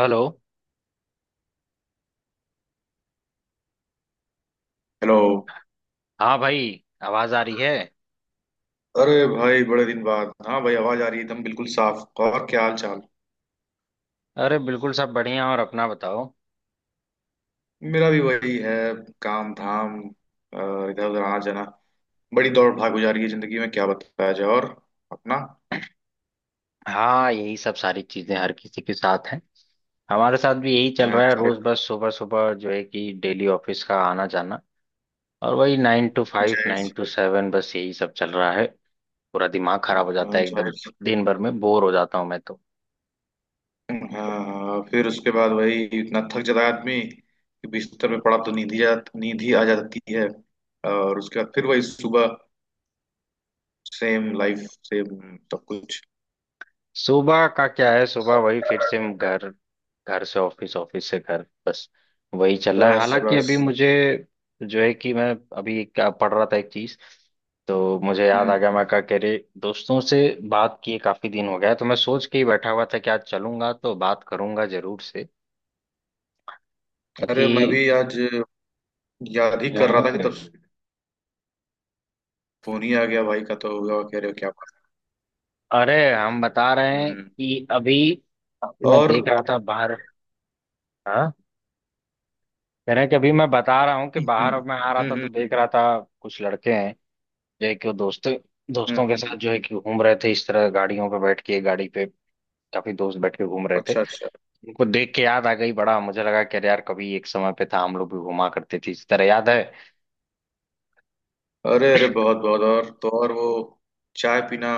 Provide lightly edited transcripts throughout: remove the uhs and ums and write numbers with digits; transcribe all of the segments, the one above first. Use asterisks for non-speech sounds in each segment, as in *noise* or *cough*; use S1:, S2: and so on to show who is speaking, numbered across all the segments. S1: Hello.
S2: Hello.
S1: हाँ भाई, आवाज आ रही है।
S2: अरे भाई बड़े दिन बाद। हाँ भाई, आवाज आ रही है एकदम बिल्कुल साफ। और क्या हाल चाल।
S1: अरे बिल्कुल, सब बढ़िया। और अपना बताओ।
S2: मेरा भी वही है, काम धाम और इधर उधर आना जाना। बड़ी दौड़ भाग हो जा रही है जिंदगी में, क्या बताया जाए। और अपना
S1: हाँ, यही सब सारी चीजें हर किसी के साथ हैं। हमारे साथ भी यही चल रहा है,
S2: जाहिर।
S1: रोज बस सुबह सुबह जो है कि डेली ऑफिस का आना जाना। और वही 9 to 5,
S2: जाहिर।
S1: 9 to 7, बस यही सब चल रहा है। पूरा दिमाग खराब हो जाता है एकदम।
S2: जाहिर।
S1: दिन भर में बोर हो जाता हूँ मैं तो।
S2: हाँ, फिर उसके बाद वही, इतना थक जाता है आदमी कि बिस्तर पे पड़ा तो नींद ही आ जाती है। और उसके बाद फिर वही सुबह। सेम लाइफ, सेम सब कुछ।
S1: सुबह का क्या है, सुबह वही फिर से हम घर, घर से ऑफिस, ऑफिस से घर, बस वही चल रहा है।
S2: बस
S1: हालांकि
S2: बस।
S1: अभी मुझे जो है कि मैं अभी क्या पढ़ रहा था एक चीज, तो मुझे याद आ
S2: हम्म।
S1: गया। मैं कहा, कह रहे दोस्तों से बात किए काफी दिन हो गया है, तो मैं सोच के ही बैठा हुआ था कि आज चलूंगा तो बात करूंगा जरूर से,
S2: अरे मैं
S1: क्योंकि
S2: भी आज याद ही कर रहा था कि तब
S1: हम्म,
S2: फोन ही आ गया भाई का, तो हुआ कह रहे हो क्या बात।
S1: अरे हम बता रहे हैं
S2: हम्म।
S1: कि अभी अभी मैं
S2: और।
S1: देख रहा था बाहर। हाँ, कह रहे हैं कि अभी मैं बता रहा हूँ कि
S2: हम्म।
S1: बाहर अब मैं आ रहा
S2: हम्म।
S1: था तो देख रहा था कुछ लड़के हैं जो है कि वो दोस्तों
S2: हम्म,
S1: दोस्तों के
S2: हम्म,
S1: साथ जो है कि घूम रहे थे, इस तरह गाड़ियों पे बैठ के, एक गाड़ी पे काफी दोस्त बैठ के घूम रहे थे।
S2: अच्छा अच्छा।
S1: उनको देख के याद आ गई, बड़ा मुझे लगा कि अरे यार, कभी एक समय पे था हम लोग भी घुमा करते थे इस तरह, याद है
S2: अरे अरे बहुत बहुत। और तो और वो चाय पीना,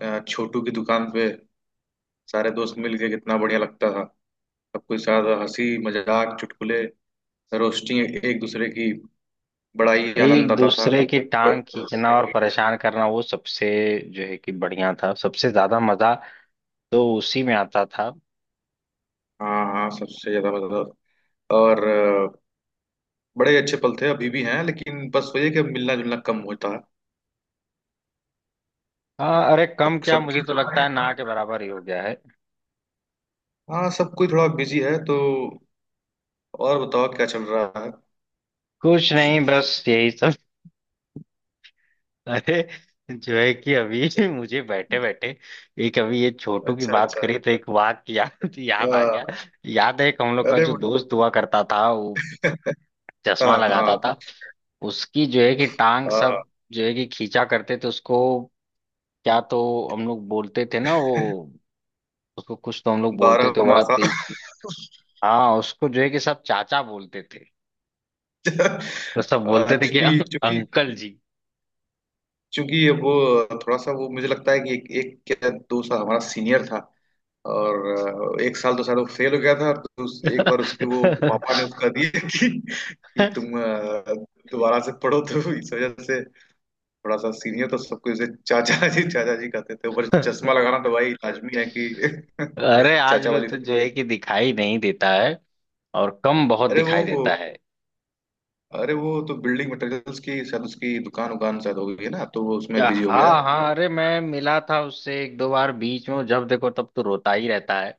S2: छोटू की दुकान पे, सारे दोस्त मिल के कितना बढ़िया लगता था। सबके साथ हंसी मजाक चुटकुले, रोस्टिंग एक एक दूसरे की, बड़ा ही आनंद
S1: एक
S2: आता था।
S1: दूसरे की टांग खींचना और
S2: *laughs*
S1: परेशान करना, वो सबसे जो है कि बढ़िया था, सबसे ज्यादा मजा तो उसी में आता था।
S2: हाँ हाँ, सबसे ज्यादा मजा। और बड़े अच्छे पल थे, अभी भी हैं, लेकिन बस वही है कि अब मिलना जुलना कम होता है।
S1: हाँ अरे,
S2: सब
S1: कम क्या,
S2: सबकी।
S1: मुझे तो लगता है ना के बराबर ही हो गया है।
S2: हाँ, सब कोई थोड़ा बिजी है तो। और बताओ क्या चल रहा है।
S1: कुछ नहीं, बस यही सब। अरे जो है कि अभी *laughs* मुझे बैठे बैठे एक अभी ये छोटू की
S2: अच्छा
S1: बात
S2: अच्छा।
S1: करी तो एक वाक्य याद याद आ गया।
S2: हाँ।
S1: याद है एक हम लोग का
S2: अरे
S1: जो
S2: *laughs*
S1: दोस्त हुआ करता था, वो चश्मा
S2: हाँ
S1: लगाता
S2: हाँ
S1: था। उसकी जो है कि टांग
S2: हाँ।
S1: सब जो है कि खींचा करते थे उसको। क्या तो हम लोग बोलते थे ना, वो उसको कुछ तो हम लोग बोलते थे,
S2: बारह
S1: बड़ा
S2: मासा।
S1: तेज। हाँ, उसको जो है कि सब चाचा बोलते थे। तो सब बोलते थे
S2: आज
S1: कि
S2: की चूंकि,
S1: अंकल जी।
S2: चूंकि वो थोड़ा सा वो मुझे लगता है कि एक क्या दो साल हमारा सीनियर था। और एक साल तो शायद वो फेल हो गया था, और एक बार उसके वो पापा ने उसका दिया कि तुम
S1: *laughs*
S2: दोबारा से पढ़ो, तो इस वजह से थोड़ा सा सीनियर तो सबको जैसे चाचा जी कहते थे, ऊपर से चश्मा लगाना तो भाई लाजमी है कि *laughs*
S1: अरे आज
S2: चाचा
S1: भी
S2: वाली।
S1: तो जो है कि दिखाई नहीं देता है और कम, बहुत
S2: अरे
S1: दिखाई
S2: वो।
S1: देता है।
S2: अरे वो तो बिल्डिंग मटेरियल्स की शायद उसकी दुकान उकान शायद हो गई है ना, तो वो उसमें बिजी हो गया।
S1: हाँ, हाँ। अरे मैं मिला था उससे एक दो बार बीच में, जब देखो तब तो रोता ही रहता है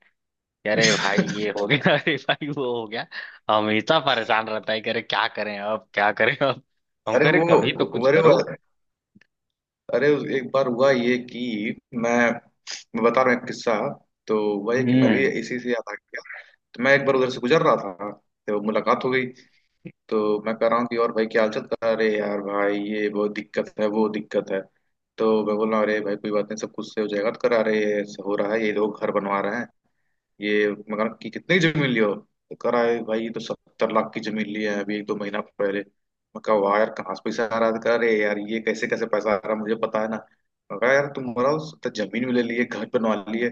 S1: कि अरे भाई ये
S2: *laughs*
S1: हो गया, *laughs* अरे भाई वो हो गया। हमेशा परेशान रहता है कि अरे क्या करें अब, क्या करें अब। हम
S2: अरे
S1: कह रहे
S2: वो।
S1: कभी तो कुछ
S2: अरे वो।
S1: करो।
S2: एक बार हुआ ये कि मैं मैं बता रहा हूँ एक किस्सा। तो हुआ ये कि मैं भी
S1: हम्म।
S2: इसी से याद आ गया। तो मैं एक बार उधर से गुजर रहा था, तो मुलाकात हो गई। तो मैं कह रहा हूँ कि और भाई क्या हाल चाल कर, अरे यार भाई ये बहुत दिक्कत है वो दिक्कत है। तो मैं बोल रहा हूँ अरे भाई कोई बात नहीं, सब कुछ से हो जाएगा। तो करा रहे हो रहा है, ये लोग घर बनवा रहे हैं, ये मगर कि कितनी जमीन लियो, तो कह रहा है भाई ये तो सत्तर लाख की जमीन ली है अभी एक दो महीना पहले। मैं कहा वाह यार, कहाँ से पैसा आ रहा है। तो कह रहे यार, ये कैसे कैसे पैसा आ रहा है मुझे पता है ना। मैं कहा यार तुम मराओ। तो जमीन भी ले लिए, घर बनवा लिए,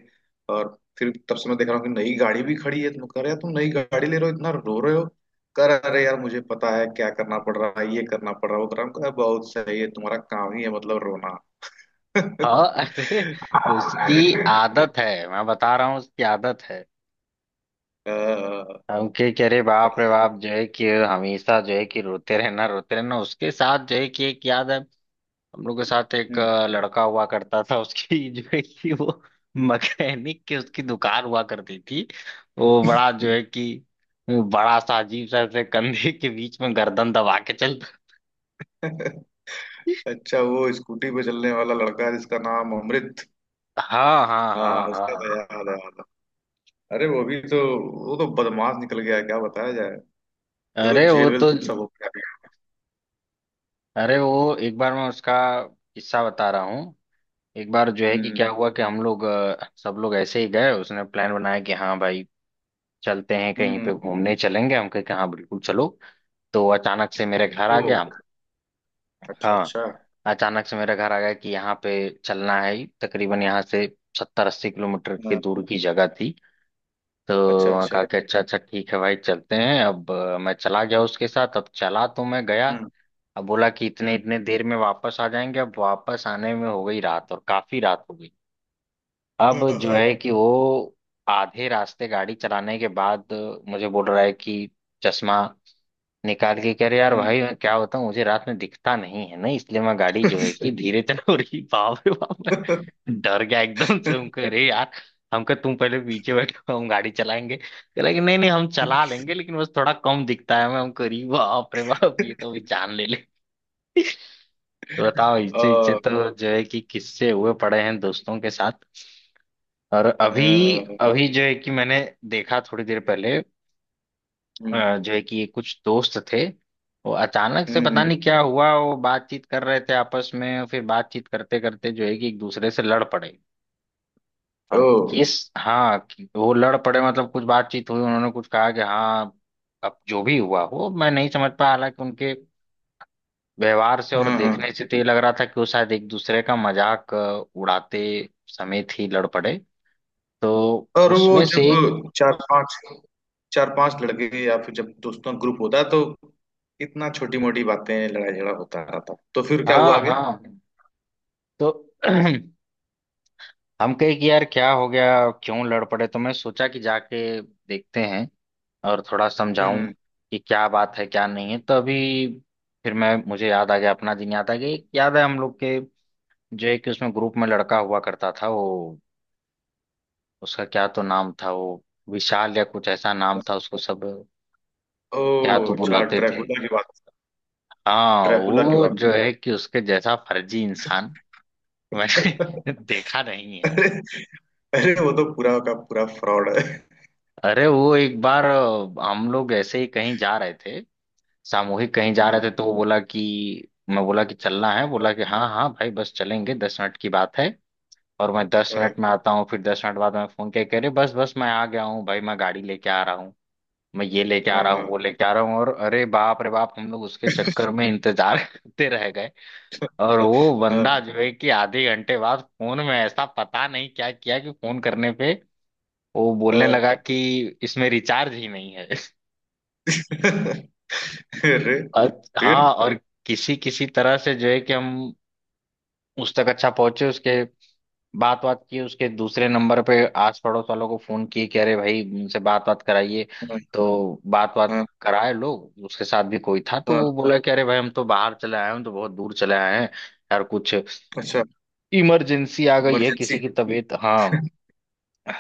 S2: और फिर तब से मैं देख रहा हूँ कि नई गाड़ी भी खड़ी है। तुम कह रहे यार तुम नई गाड़ी ले रहे हो इतना रो रहे हो। कह रहे अरे यार मुझे पता है क्या करना पड़ रहा है, ये करना पड़ रहा है, वो कर रहा है। मैं कहा, बहुत सही है, तुम्हारा काम ही है मतलब रोना। *laughs* तो
S1: हाँ अरे, उसकी
S2: मैंने कहा,
S1: आदत है, मैं बता रहा हूँ उसकी आदत है।
S2: "अ,
S1: हम के कह रहे बाप
S2: बड़ा
S1: रे
S2: है।
S1: बाप, जो है कि हमेशा जो है कि रोते रहना रोते रहना। उसके साथ जो है कि एक याद है, हम लोग के साथ एक
S2: हम्म।
S1: लड़का हुआ करता था, उसकी *laughs* जो है कि वो मैकेनिक की उसकी दुकान हुआ करती थी। वो बड़ा जो है कि बड़ा सा अजीब सा, ऐसे कंधे के बीच में गर्दन दबा के चलता।
S2: अच्छा वो स्कूटी पे चलने वाला लड़का जिसका नाम अमृत।
S1: हाँ, हाँ,
S2: हाँ,
S1: हाँ,
S2: उसका
S1: हाँ।
S2: तो याद है याद है। अरे वो भी तो। वो तो बदमाश निकल गया, क्या बताया जाए। वो तो
S1: अरे वो
S2: जेल वेल
S1: तो,
S2: सब हो गया।
S1: अरे वो एक बार मैं उसका किस्सा बता रहा हूँ। एक बार जो है कि
S2: हम्म।
S1: क्या हुआ कि हम लोग सब लोग ऐसे ही गए, उसने प्लान बनाया कि हाँ भाई चलते हैं
S2: हम्म।
S1: कहीं
S2: हम्म।
S1: पे घूमने चलेंगे। हम कहे कि हाँ बिल्कुल चलो। तो अचानक से मेरे घर
S2: ओ
S1: आ गया।
S2: अच्छा
S1: हाँ,
S2: अच्छा।
S1: अचानक से मेरे घर आ गया कि यहाँ पे चलना है ही। तकरीबन यहाँ से 70-80 किलोमीटर की
S2: हाँ।
S1: दूर की जगह थी। तो
S2: अच्छा
S1: वहाँ
S2: अच्छा।
S1: कहा कि अच्छा अच्छा ठीक है भाई चलते हैं। अब मैं चला गया उसके साथ, अब चला तो मैं गया।
S2: हम्म
S1: अब बोला कि इतने
S2: हम्म।
S1: इतने देर में वापस आ जाएंगे, अब वापस आने में हो गई रात, और काफी रात हो गई।
S2: हाँ,
S1: अब जो
S2: हाँ।
S1: है कि वो आधे रास्ते गाड़ी चलाने के बाद मुझे बोल रहा है कि चश्मा निकाल के कह रहे यार
S2: हम्म।
S1: भाई, मैं क्या होता हूँ, मुझे रात में दिखता नहीं है ना, इसलिए मैं गाड़ी जो है कि धीरे चला रही। बाप रे बाप, मैं डर गया एकदम से हमको। *laughs*
S2: *laughs*
S1: अरे यार, हमको तुम पहले पीछे बैठो, हम गाड़ी चलाएंगे। कहला कि नहीं नहीं, हम चला लेंगे, लेकिन बस थोड़ा कम दिखता है मैं। हमको अरे बाप रे बाप, ये तो भी जान ले ले। *laughs* तो बताओ, इच्छे इच्छे
S2: अ,
S1: तो जो है कि किस्से हुए पड़े हैं दोस्तों के साथ। और
S2: अ,
S1: अभी अभी जो है कि मैंने देखा थोड़ी देर पहले,
S2: हम्म।
S1: जो है कि कुछ दोस्त थे। वो अचानक से पता
S2: हम्म।
S1: नहीं क्या हुआ, वो बातचीत कर रहे थे आपस में, फिर बातचीत करते करते जो है कि एक दूसरे से लड़ पड़े, और
S2: ओ
S1: किस, हाँ कि वो लड़ पड़े, मतलब कुछ बातचीत हुई, उन्होंने कुछ कहा कि हाँ। अब जो भी हुआ हो मैं नहीं समझ पाया, हालांकि उनके व्यवहार से और
S2: हाँ हाँ।
S1: देखने से तो ये लग रहा था कि वो शायद एक दूसरे का मजाक उड़ाते समय ही लड़ पड़े। तो
S2: और वो
S1: उसमें से
S2: जब
S1: एक,
S2: चार पांच लड़के या फिर जब दोस्तों का ग्रुप होता है, तो इतना छोटी मोटी बातें लड़ाई झगड़ा होता रहता, तो फिर क्या
S1: हाँ
S2: हुआ आगे।
S1: हाँ। तो *clears throat* हम कहे कि यार क्या हो गया, क्यों लड़ पड़े। तो मैं सोचा कि जाके देखते हैं और थोड़ा समझाऊं
S2: हम्म।
S1: कि क्या बात है, क्या नहीं है। तो अभी फिर मैं, मुझे याद आ गया, अपना दिन याद आ गया। एक याद है, हम लोग के जो एक उसमें ग्रुप में लड़का हुआ करता था, वो उसका क्या तो नाम था, वो विशाल या कुछ ऐसा नाम था। उसको सब
S2: ओ
S1: क्या तो
S2: अच्छा,
S1: बुलाते थे।
S2: ड्रैकुला की बात।
S1: हाँ,
S2: ड्रैकुला की
S1: वो
S2: बात।
S1: जो है कि उसके जैसा फर्जी इंसान मैंने
S2: *laughs*
S1: *laughs* देखा नहीं है।
S2: अरे। अरे वो तो पूरा का पूरा फ्रॉड है।
S1: अरे वो एक बार हम लोग ऐसे ही कहीं जा रहे थे, सामूहिक कहीं जा रहे
S2: हम्म।
S1: थे, तो वो बोला कि, मैं बोला कि चलना है, बोला कि हाँ हाँ भाई बस चलेंगे, 10 मिनट की बात है, और मैं दस
S2: हाँ
S1: मिनट में आता हूँ। फिर 10 मिनट बाद मैं फोन किया, कह रहे बस बस मैं आ गया हूँ भाई, मैं गाड़ी लेके आ रहा हूँ, मैं ये लेके आ रहा हूँ वो
S2: हाँ
S1: लेके आ रहा हूँ। और अरे बाप रे बाप, हम लोग उसके चक्कर में इंतजार *laughs* करते रह गए। और वो
S2: हाँ।
S1: बंदा जो है कि आधे घंटे बाद फोन में ऐसा पता नहीं क्या किया कि फोन करने पे वो बोलने
S2: हाँ,
S1: लगा कि इसमें रिचार्ज ही नहीं है।
S2: अरे
S1: *laughs* और हाँ,
S2: फिर।
S1: और किसी किसी तरह से जो है कि हम उस तक अच्छा पहुंचे। उसके बात बात की, उसके दूसरे नंबर पे, आस पड़ोस वालों को फोन किए कि अरे भाई उनसे बात बात कराइए।
S2: हाँ।
S1: तो बात बात
S2: हाँ,
S1: कराए, लोग उसके साथ भी कोई था तो
S2: हाँ,
S1: वो बोला कि अरे भाई हम तो बाहर चले आए हैं, हम तो बहुत दूर चले आए हैं। यार कुछ
S2: अच्छा
S1: इमरजेंसी आ गई है किसी
S2: इमरजेंसी।
S1: की तबीयत, हाँ,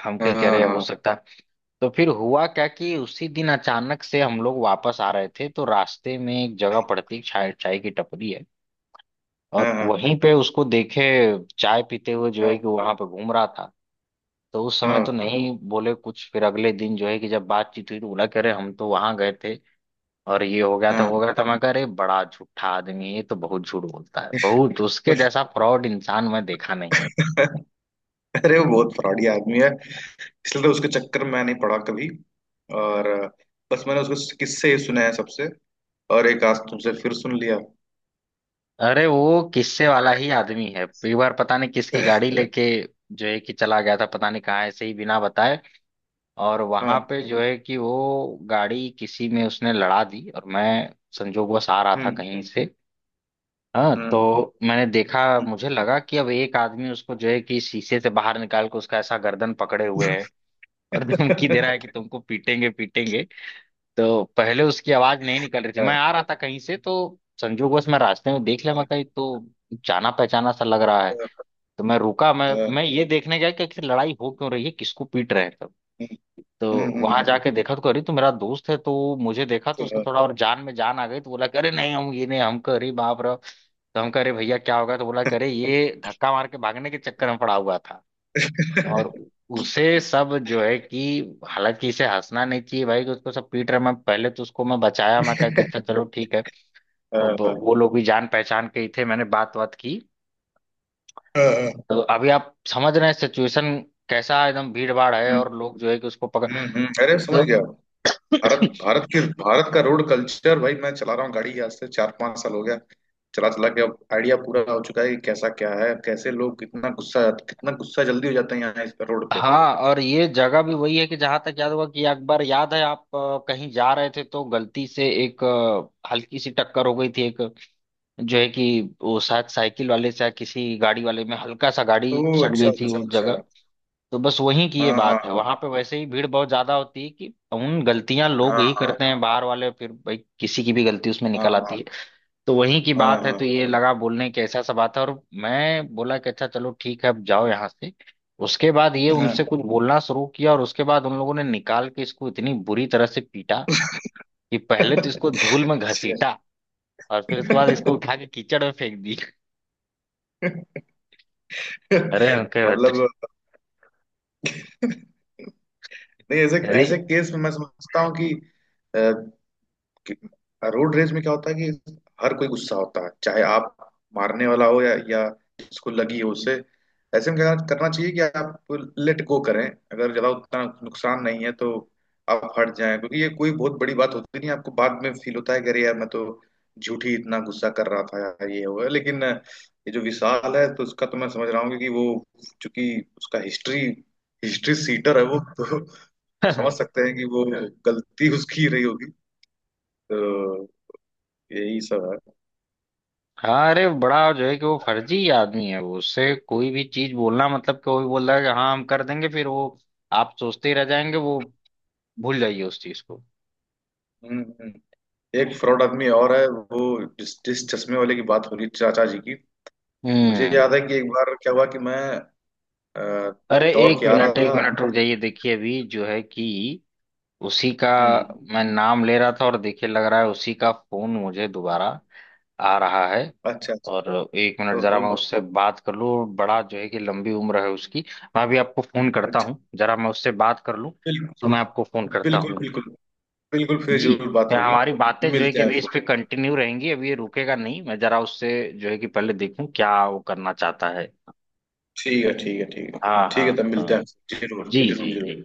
S1: हम
S2: हाँ
S1: कहीं कह रहे हैं, हो
S2: हाँ
S1: सकता है। तो फिर हुआ क्या कि उसी दिन अचानक से हम लोग वापस आ रहे थे, तो रास्ते में एक जगह पड़ती है, चाय चाय की टपरी है,
S2: हाँ
S1: और
S2: हाँ
S1: वहीं पे उसको देखे चाय पीते हुए जो है
S2: हाँ
S1: कि वहां पे घूम रहा था। तो उस समय तो नहीं बोले कुछ, फिर अगले दिन जो है कि जब बातचीत हुई तो बोला कि अरे हम तो वहां गए थे और ये हो गया था
S2: हाँ
S1: वो हो गया था। मैं कह अरे बड़ा झूठा आदमी है, ये तो बहुत झूठ बोलता है बहुत, उसके जैसा फ्रॉड इंसान मैं देखा नहीं।
S2: हाँ। अरे वो बहुत फ्रॉडी आदमी है, इसलिए तो उसके चक्कर में नहीं पड़ा कभी। और बस मैंने उसके किस्से ही सुने हैं सबसे, और एक आज तुमसे फिर सुन लिया।
S1: अरे वो किस्से वाला ही आदमी है। एक बार पता नहीं किसकी गाड़ी लेके जो है कि चला गया था पता नहीं कहाँ, ऐसे ही बिना बताए। और
S2: हाँ।
S1: वहां पे जो है कि वो गाड़ी किसी में उसने लड़ा दी, और मैं संजोगवश आ रहा था
S2: हम्म।
S1: कहीं से। हाँ, तो
S2: हम्म।
S1: मैंने देखा।
S2: हम्म।
S1: मुझे लगा कि अब एक आदमी उसको जो है कि शीशे से बाहर निकाल के उसका ऐसा गर्दन पकड़े हुए है, और धमकी दे रहा है
S2: *laughs*
S1: कि तुमको पीटेंगे पीटेंगे। तो पहले उसकी आवाज नहीं निकल रही थी।
S2: हाँ,
S1: मैं आ रहा था कहीं से, तो संजोगवश मैं रास्ते में देख लिया। मैं
S2: हाँ,
S1: कहीं तो जाना पहचाना सा लग रहा है। तो मैं रुका, मैं
S2: हाँ।
S1: ये देखने गया कि आखिर लड़ाई हो क्यों रही है, किसको पीट रहे हैं।
S2: हम्म,
S1: तो वहां
S2: हम्म।
S1: जाके देखा तो करी तो मेरा दोस्त है, तो मुझे देखा तो उसके
S2: हाँ,
S1: थोड़ा और जान में जान आ गई। तो बोला कि, अरे नहीं हम ये नहीं हम, अरे बाप रे। तो हम कह रहे भैया क्या होगा, तो बोला करे ये धक्का मार के भागने के चक्कर में पड़ा हुआ था। और उसे सब जो है कि, हालांकि इसे हंसना नहीं चाहिए भाई कि उसको सब पीट रहे। मैं पहले तो उसको मैं बचाया, मैं कहा कि अच्छा चलो ठीक है।
S2: हाँ,
S1: अब
S2: हाँ,
S1: वो लोग भी जान पहचान के ही थे, मैंने बात बात की।
S2: हाँ, हाँ।
S1: तो अभी आप समझ रहे हैं सिचुएशन कैसा, एकदम भीड़ भाड़ है
S2: हम्म,
S1: और लोग जो है कि उसको पकड़।
S2: अरे समझ
S1: तो
S2: गया।
S1: *clears throat*
S2: भारत भारत की भारत का रोड कल्चर भाई, मैं चला रहा हूँ गाड़ी आज से चार पांच साल हो गया। चला चला के अब आइडिया पूरा हो चुका है कि कैसा क्या है, कैसे लोग कितना गुस्सा जल्दी हो जाते हैं यहाँ इस पे रोड पे।
S1: हाँ, और ये जगह भी वही है कि जहां तक याद होगा कि एक बार याद है आप कहीं जा रहे थे तो गलती से एक हल्की सी टक्कर हो गई थी एक जो है कि वो शायद साइकिल वाले से या किसी गाड़ी वाले में हल्का सा गाड़ी
S2: ओह
S1: सट
S2: अच्छा
S1: गई थी
S2: अच्छा
S1: उस
S2: अच्छा।
S1: जगह। तो बस वहीं की ये
S2: हाँ
S1: बात है।
S2: हाँ
S1: वहां पे वैसे ही भीड़ बहुत ज्यादा होती है कि उन गलतियां लोग ही
S2: हाँ
S1: करते हैं बाहर वाले, फिर भाई किसी की भी गलती उसमें
S2: हाँ
S1: निकल
S2: हाँ
S1: आती है। तो वहीं की
S2: हाँ
S1: बात है,
S2: हाँ
S1: तो ये लगा बोलने की ऐसा सा बात है। और मैं बोला कि अच्छा चलो ठीक है, अब जाओ यहाँ से। उसके बाद ये
S2: हाँ
S1: उनसे
S2: हाँ।
S1: कुछ बोलना शुरू किया, और उसके बाद उन लोगों ने निकाल के इसको इतनी बुरी तरह से पीटा कि पहले तो इसको
S2: *laughs*
S1: धूल में
S2: अच्छा।
S1: घसीटा, और फिर उसके बाद इसको उठा के कीचड़ में फेंक दी। अरे उनके
S2: मतलब, नहीं, ऐसे
S1: अरे।
S2: ऐसे केस में मैं समझता हूँ कि कि रोड रेज में क्या होता है कि हर कोई गुस्सा होता है, चाहे आप मारने वाला हो या जिसको लगी हो उसे। ऐसे में क्या करना चाहिए कि आप लेट गो करें, अगर ज्यादा उतना नुकसान नहीं है तो आप हट जाएं, क्योंकि ये कोई बहुत बड़ी बात होती नहीं है, आपको बाद में फील होता है कि अरे यार मैं तो झूठी इतना गुस्सा कर रहा था यार ये हुआ। लेकिन ये जो विशाल है तो उसका तो मैं समझ रहा हूँ कि वो, चूंकि उसका हिस्ट्री हिस्ट्री सीटर है, वो तो समझ सकते हैं कि वो गलती उसकी रही होगी। तो यही सब है।
S1: हाँ, अरे बड़ा जो है कि वो फर्जी आदमी है। वो उससे कोई भी चीज बोलना मतलब कि, वो भी बोल रहा है कि हाँ हम कर देंगे, फिर वो आप सोचते ही रह जाएंगे। वो भूल जाइए उस चीज को।
S2: हम्म। हम्म। एक फ्रॉड आदमी और है वो, जिस जिस चश्मे वाले की बात हो रही चाचा जी की। मुझे
S1: हम्म।
S2: याद है कि एक बार क्या हुआ कि मैं अ,
S1: अरे
S2: दौड़ के आ रहा
S1: एक
S2: था।
S1: मिनट रुक जाइए, देखिए अभी जो है कि उसी का
S2: हम्म।
S1: मैं नाम ले रहा था, और देखिए लग रहा है उसी का फोन मुझे दोबारा आ रहा है।
S2: अच्छा
S1: और
S2: अच्छा।
S1: एक मिनट, जरा मैं
S2: ओहो।
S1: उससे बात कर लूँ, बड़ा जो है कि लंबी उम्र है उसकी। मैं अभी आपको फोन करता
S2: अच्छा।
S1: हूँ, जरा मैं उससे बात कर लूँ। तो
S2: बिल्कुल।
S1: मैं आपको फोन करता
S2: बिल्कुल
S1: हूँ।
S2: बिल्कुल। बिल्कुल, फिर
S1: जी।
S2: जरूर बात
S1: फिर
S2: होगी।
S1: हमारी बातें जो है
S2: मिलते
S1: कि
S2: हैं
S1: अभी इस पे
S2: फिर।
S1: कंटिन्यू रहेंगी, अभी ये रुकेगा नहीं। मैं जरा उससे जो है कि पहले देखूं क्या वो करना चाहता है।
S2: ठीक है ठीक है ठीक है।
S1: हाँ,
S2: ठीक
S1: हाँ।
S2: है, तब मिलते
S1: हाँ।
S2: हैं। जरूर
S1: जी,
S2: जरूर
S1: जी,
S2: जरूर।
S1: जी।